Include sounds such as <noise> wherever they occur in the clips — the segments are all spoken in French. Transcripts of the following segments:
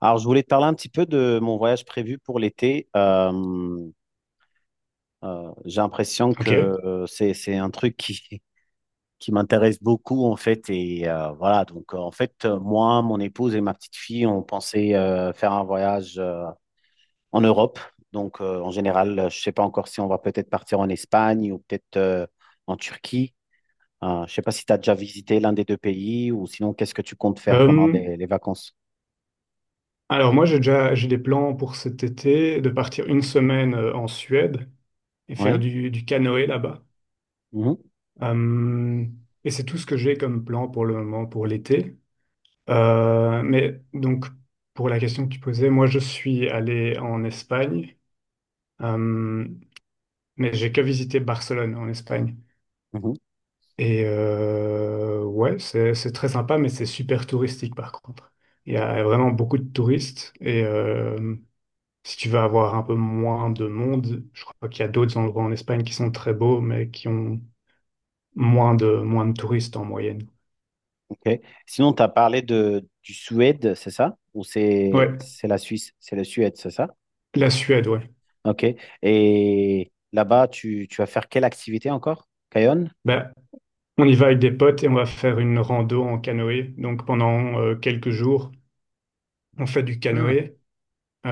Alors, je voulais te parler un petit peu de mon voyage prévu pour l'été. J'ai l'impression que Ok. C'est un truc qui, <laughs> qui m'intéresse beaucoup, en fait. Et voilà, donc en fait, moi, mon épouse et ma petite fille, on pensait faire un voyage en Europe. Donc, en général, je ne sais pas encore si on va peut-être partir en Espagne ou peut-être en Turquie. Je ne sais pas si tu as déjà visité l'un des deux pays ou sinon, qu'est-ce que tu comptes faire pendant Euh, les vacances? alors moi j'ai des plans pour cet été de partir une semaine en Suède et faire Oui. du canoë là-bas. Mhm. Euh, et c'est tout ce que j'ai comme plan pour le moment pour l'été. Mais donc pour la question que tu posais, moi je suis allé en Espagne, euh, mais j'ai que visité Barcelone en Espagne. Mhm. Et ouais, c'est très sympa, mais c'est super touristique par contre. Il y a vraiment beaucoup de touristes et si tu veux avoir un peu moins de monde, je crois qu'il y a d'autres endroits en Espagne qui sont très beaux, mais qui ont moins de touristes en moyenne. Ok. Sinon, tu as parlé de, du Suède, c'est ça? Ou c'est Ouais, c'est la Suisse? C'est la Suède, c'est ça? la Suède, ouais. Ok. Et là-bas, tu vas faire quelle activité encore? Cayonne? Ben, on y va avec des potes et on va faire une rando en canoë. Donc pendant quelques jours, on fait du Ah, canoë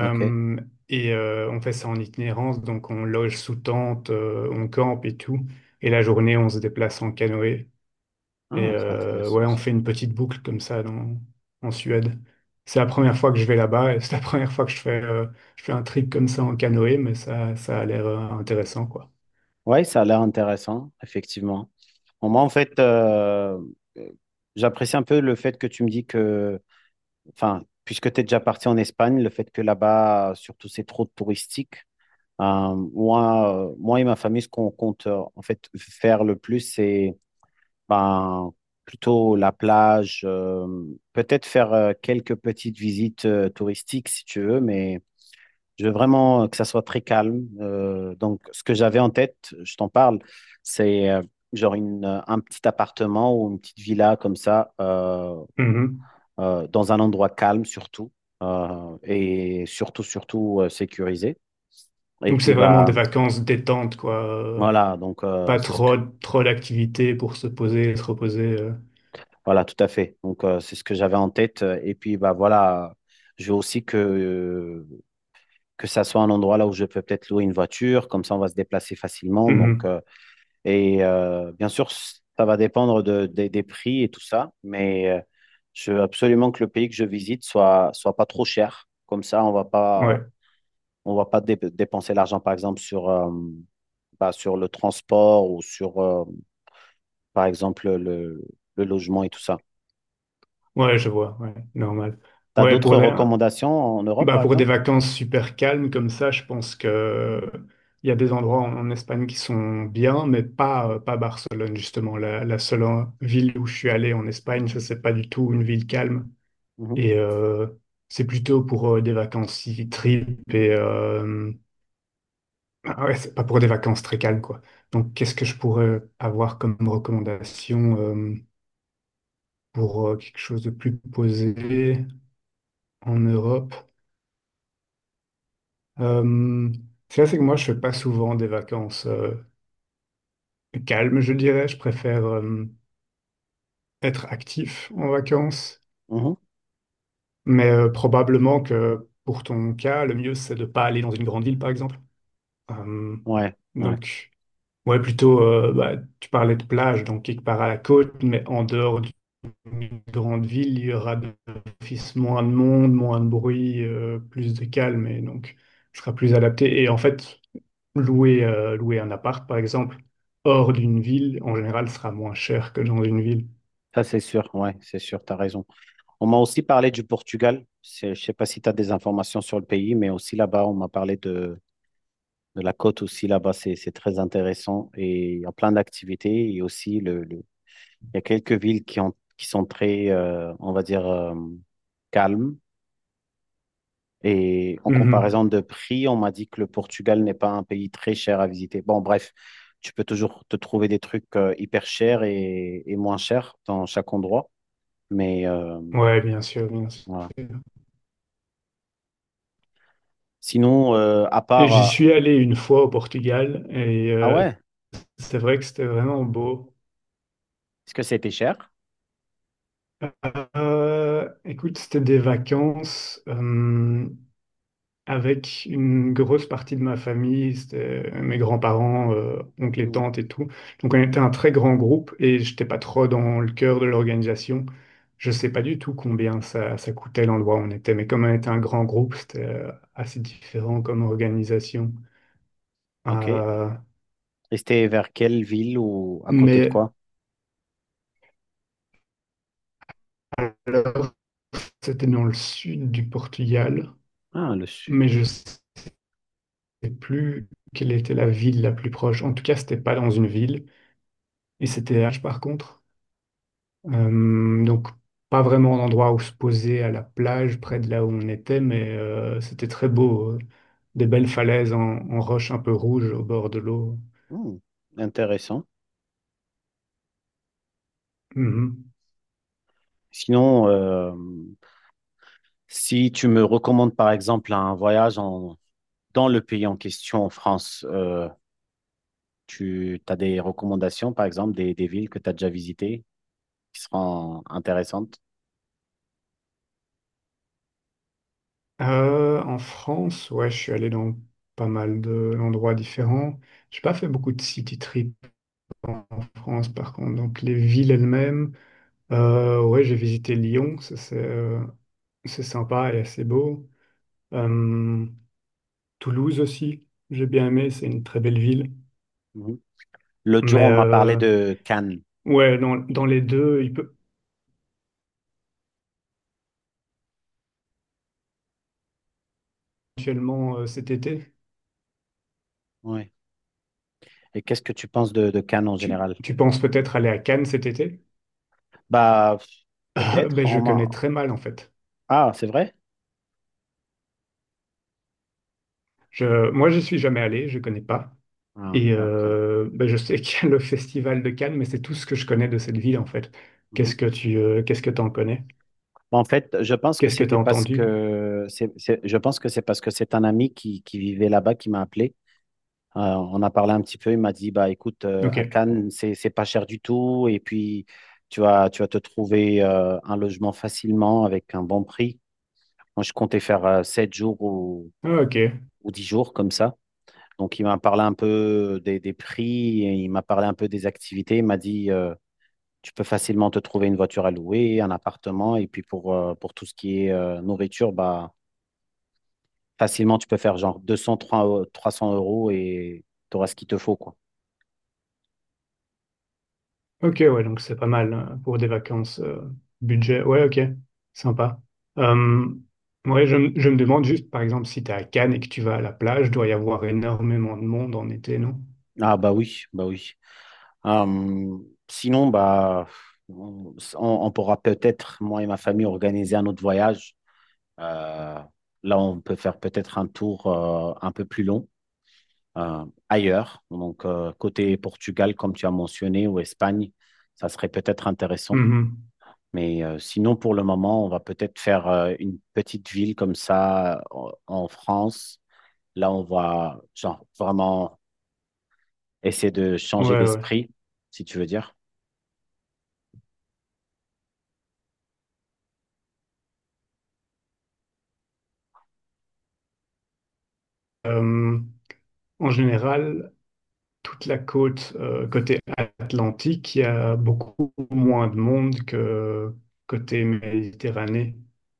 ok. et on fait ça en itinérance. Donc on loge sous tente, on campe et tout. Et la journée, on se déplace en canoë. Et Ah, c'est ouais, intéressant on ça. fait une petite boucle comme ça dans, en Suède. C'est la première fois que je vais là-bas et c'est la <laughs> première fois que je fais un trip comme ça en canoë, mais ça a l'air intéressant, quoi. Oui, ça a l'air intéressant, effectivement. Bon, moi, en fait, euh, j'apprécie un peu le fait que tu me dis que, enfin, puisque tu es déjà parti en Espagne, le fait que là-bas, surtout, c'est trop touristique. Moi, moi et ma famille, ce qu'on compte en fait faire le plus, c'est ben, plutôt la plage, peut-être faire quelques petites visites touristiques si tu veux, mais je veux vraiment que ça soit très calme. Donc, ce que j'avais en tête, je t'en parle, c'est genre un petit appartement ou une petite villa comme ça, Mhm. Dans un endroit calme surtout, et surtout, surtout sécurisé. Et Donc c'est puis, vraiment des bah, vacances détente, quoi. Voilà, donc Pas c'est ce que, trop d'activités pour se poser et se reposer. Voilà, tout à fait. Donc, c'est ce que j'avais en tête. Et puis, bah voilà, je veux aussi que ça soit un endroit là où je peux peut-être louer une voiture. Comme ça, on va se déplacer facilement. Donc, Mhm. Bien sûr, ça va dépendre de, des prix et tout ça. Mais je veux absolument que le pays que je visite soit, soit pas trop cher. Comme ça, Ouais, on va pas dépenser l'argent, par exemple, sur, bah, sur le transport ou sur, par exemple, le logement et tout ça. ouais, je vois, ouais, normal. T'as Ouais, d'autres pour des- recommandations en Europe, bah par pour des exemple? vacances super calmes comme ça, je pense que il y a des endroits en, en Espagne qui sont bien, mais pas, pas Barcelone, justement. La seule ville où je suis allé en Espagne, ça, c'est pas du tout une ville calme. Mhm, Et c'est plutôt pour des vacances city trip et ah ouais, c'est pas pour des vacances très calmes, quoi. Donc, qu'est-ce que je pourrais avoir comme recommandation pour quelque chose de plus posé en Europe? Euh, ça, c'est que moi, je fais pas souvent des vacances calmes, je dirais. Je préfère être actif en vacances. mhm. Mais probablement que pour ton cas, le mieux, c'est de pas aller dans une grande ville, par exemple. Euh, Ouais, ouais. donc ouais, plutôt, bah, tu parlais de plage, donc quelque part à la côte, mais en dehors d'une grande ville, il y aura d'office moins de monde, moins de bruit, plus de calme, et donc, je serai plus adapté. Et en fait, louer, louer un appart, par exemple, hors d'une ville, en général, sera moins cher que dans une ville. Ça, c'est sûr. Ouais, c'est sûr. T'as raison. On m'a aussi parlé du Portugal. C'est- je sais pas si tu as des informations sur le pays, mais aussi là-bas, on m'a parlé de la côte aussi là-bas. C'est très intéressant et il y a plein d'activités et aussi il y a quelques villes qui ont, qui sont très, on va dire, calmes. Et en Mhm. comparaison de prix, on m'a dit que le Portugal n'est pas un pays très cher à visiter. Bon, bref, tu peux toujours te trouver des trucs hyper chers et moins chers dans chaque endroit. Mais Ouais, bien sûr, bien sûr. voilà. Sinon, à Et part... j'y suis allé une fois au Portugal et ah ouais, c'est vrai que c'était vraiment beau. est-ce que c'était cher? Écoute, c'était des vacances. Avec une grosse partie de ma famille, c'était mes grands-parents, oncles et Hmm, tantes et tout. Donc on était un très grand groupe et j'étais pas trop dans le cœur de l'organisation. Je sais pas du tout combien ça, ça coûtait l'endroit où on était, mais comme on était un grand groupe, c'était assez différent comme organisation. ok. Et Euh, c'était vers quelle ville ou à côté de mais quoi? alors c'était dans le sud du Portugal, Ah, le sud. mais je sais plus quelle était la ville la plus proche. En tout cas, c'était pas dans une ville et c'était H par contre. Donc pas vraiment un endroit où se poser à la plage, près de là où on était, mais c'était très beau. Des belles falaises en, en roche un peu rouge au bord de l'eau. Hmm, intéressant. Mhm. Sinon, si tu me recommandes par exemple un voyage en- dans le pays en question, en France, tu as des recommandations, par exemple, des villes que tu as déjà visitées qui seront intéressantes? En France, ouais, je suis allé dans pas mal de- d'endroits différents. J'ai pas fait beaucoup de city trips en France, par contre. Donc, les villes elles-mêmes, ouais, j'ai visité Lyon, ça, c'est sympa et assez beau. Euh, Toulouse aussi, j'ai bien aimé, c'est une très belle ville. Mhm. L'autre jour, Mais on m'a parlé de Cannes. ouais, dans, dans les deux, il peut éventuellement cet été. Ouais. Et qu'est-ce que tu penses de Cannes en Tu, général? tu penses peut-être aller à Cannes cet été? <laughs> Bah, Ah, peut-être. ben, je On m'a... connais très mal en fait. ah, c'est vrai? Moi, je suis jamais allé, je connais pas. Ah, Et ok. Ben, je sais <laughs> qu'il y a le festival de Cannes, mais c'est tout ce que je connais de cette ville en fait. Qu'est-ce Mhm. que tu, qu'est-ce que t'en connais? En fait, je pense que Qu'est-ce que c'était t'as parce entendu? que je pense que c'est parce que c'est un ami qui vivait là-bas qui m'a appelé. On a parlé un petit peu, il m'a dit, bah écoute, à Ok. Cannes, c'est pas cher du tout, et puis tu vas te trouver un logement facilement avec un bon prix. Moi, je comptais faire 7 jours Ah, ok. ou 10 jours comme ça. Donc, il m'a parlé un peu des prix, et il m'a parlé un peu des activités, il m'a dit, tu peux facilement te trouver une voiture à louer, un appartement, et puis pour tout ce qui est nourriture, bah, facilement, tu peux faire genre 200, 300 € et tu auras ce qu'il te faut, quoi. Ok, ouais, donc c'est pas mal pour des vacances budget. Ouais, ok, sympa. Euh, ouais, je me demande juste, par exemple, si t'es à Cannes et que tu vas à la plage, doit y avoir énormément de monde en été, non? Ah bah oui, bah oui. Sinon, bah, on pourra peut-être, moi et ma famille, organiser un autre voyage. Euh, là, on peut faire peut-être un tour un peu plus long. Ailleurs. Donc, côté Portugal, comme tu as mentionné, ou Espagne, ça serait peut-être intéressant. Mhm. Mais sinon, pour le moment, on va peut-être faire une petite ville comme ça en France. Là, on va genre, vraiment essayer de Ouais, changer ouais. d'esprit, si tu veux dire. Euh, en général, toute la côte côté Atlantique, il y a beaucoup moins de monde que côté Méditerranée.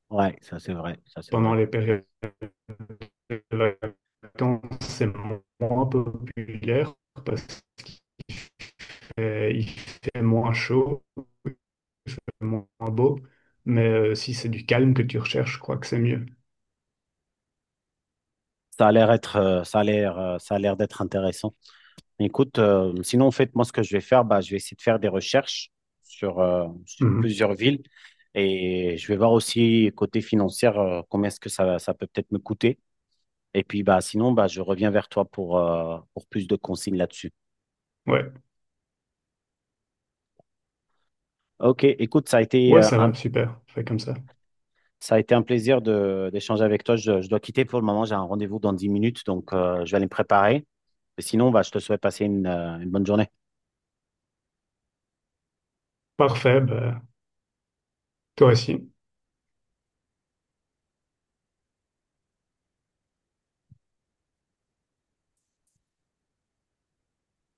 Ouais, ça c'est vrai, ça c'est Pendant vrai. les périodes de vacances, c'est moins populaire. Il fait moins chaud, moins beau, mais si c'est du calme que tu recherches, je crois que c'est mieux. Ça a l'air être, ça a l'air d'être intéressant. Écoute, sinon, en fait, moi, ce que je vais faire, bah, je vais essayer de faire des recherches sur, sur Mhm. plusieurs villes et je vais voir aussi côté financier combien est-ce que ça peut peut-être me coûter. Et puis, bah, sinon, bah, je reviens vers toi pour plus de consignes là-dessus. Ouais, Ok, écoute, ouais, ça va, super, fait comme ça. ça a été un plaisir de, d'échanger avec toi. Je dois quitter pour le moment, j'ai un rendez-vous dans 10 minutes, donc je vais aller me préparer. Et sinon, bah, je te souhaite passer une bonne journée. Parfait, bah, toi aussi.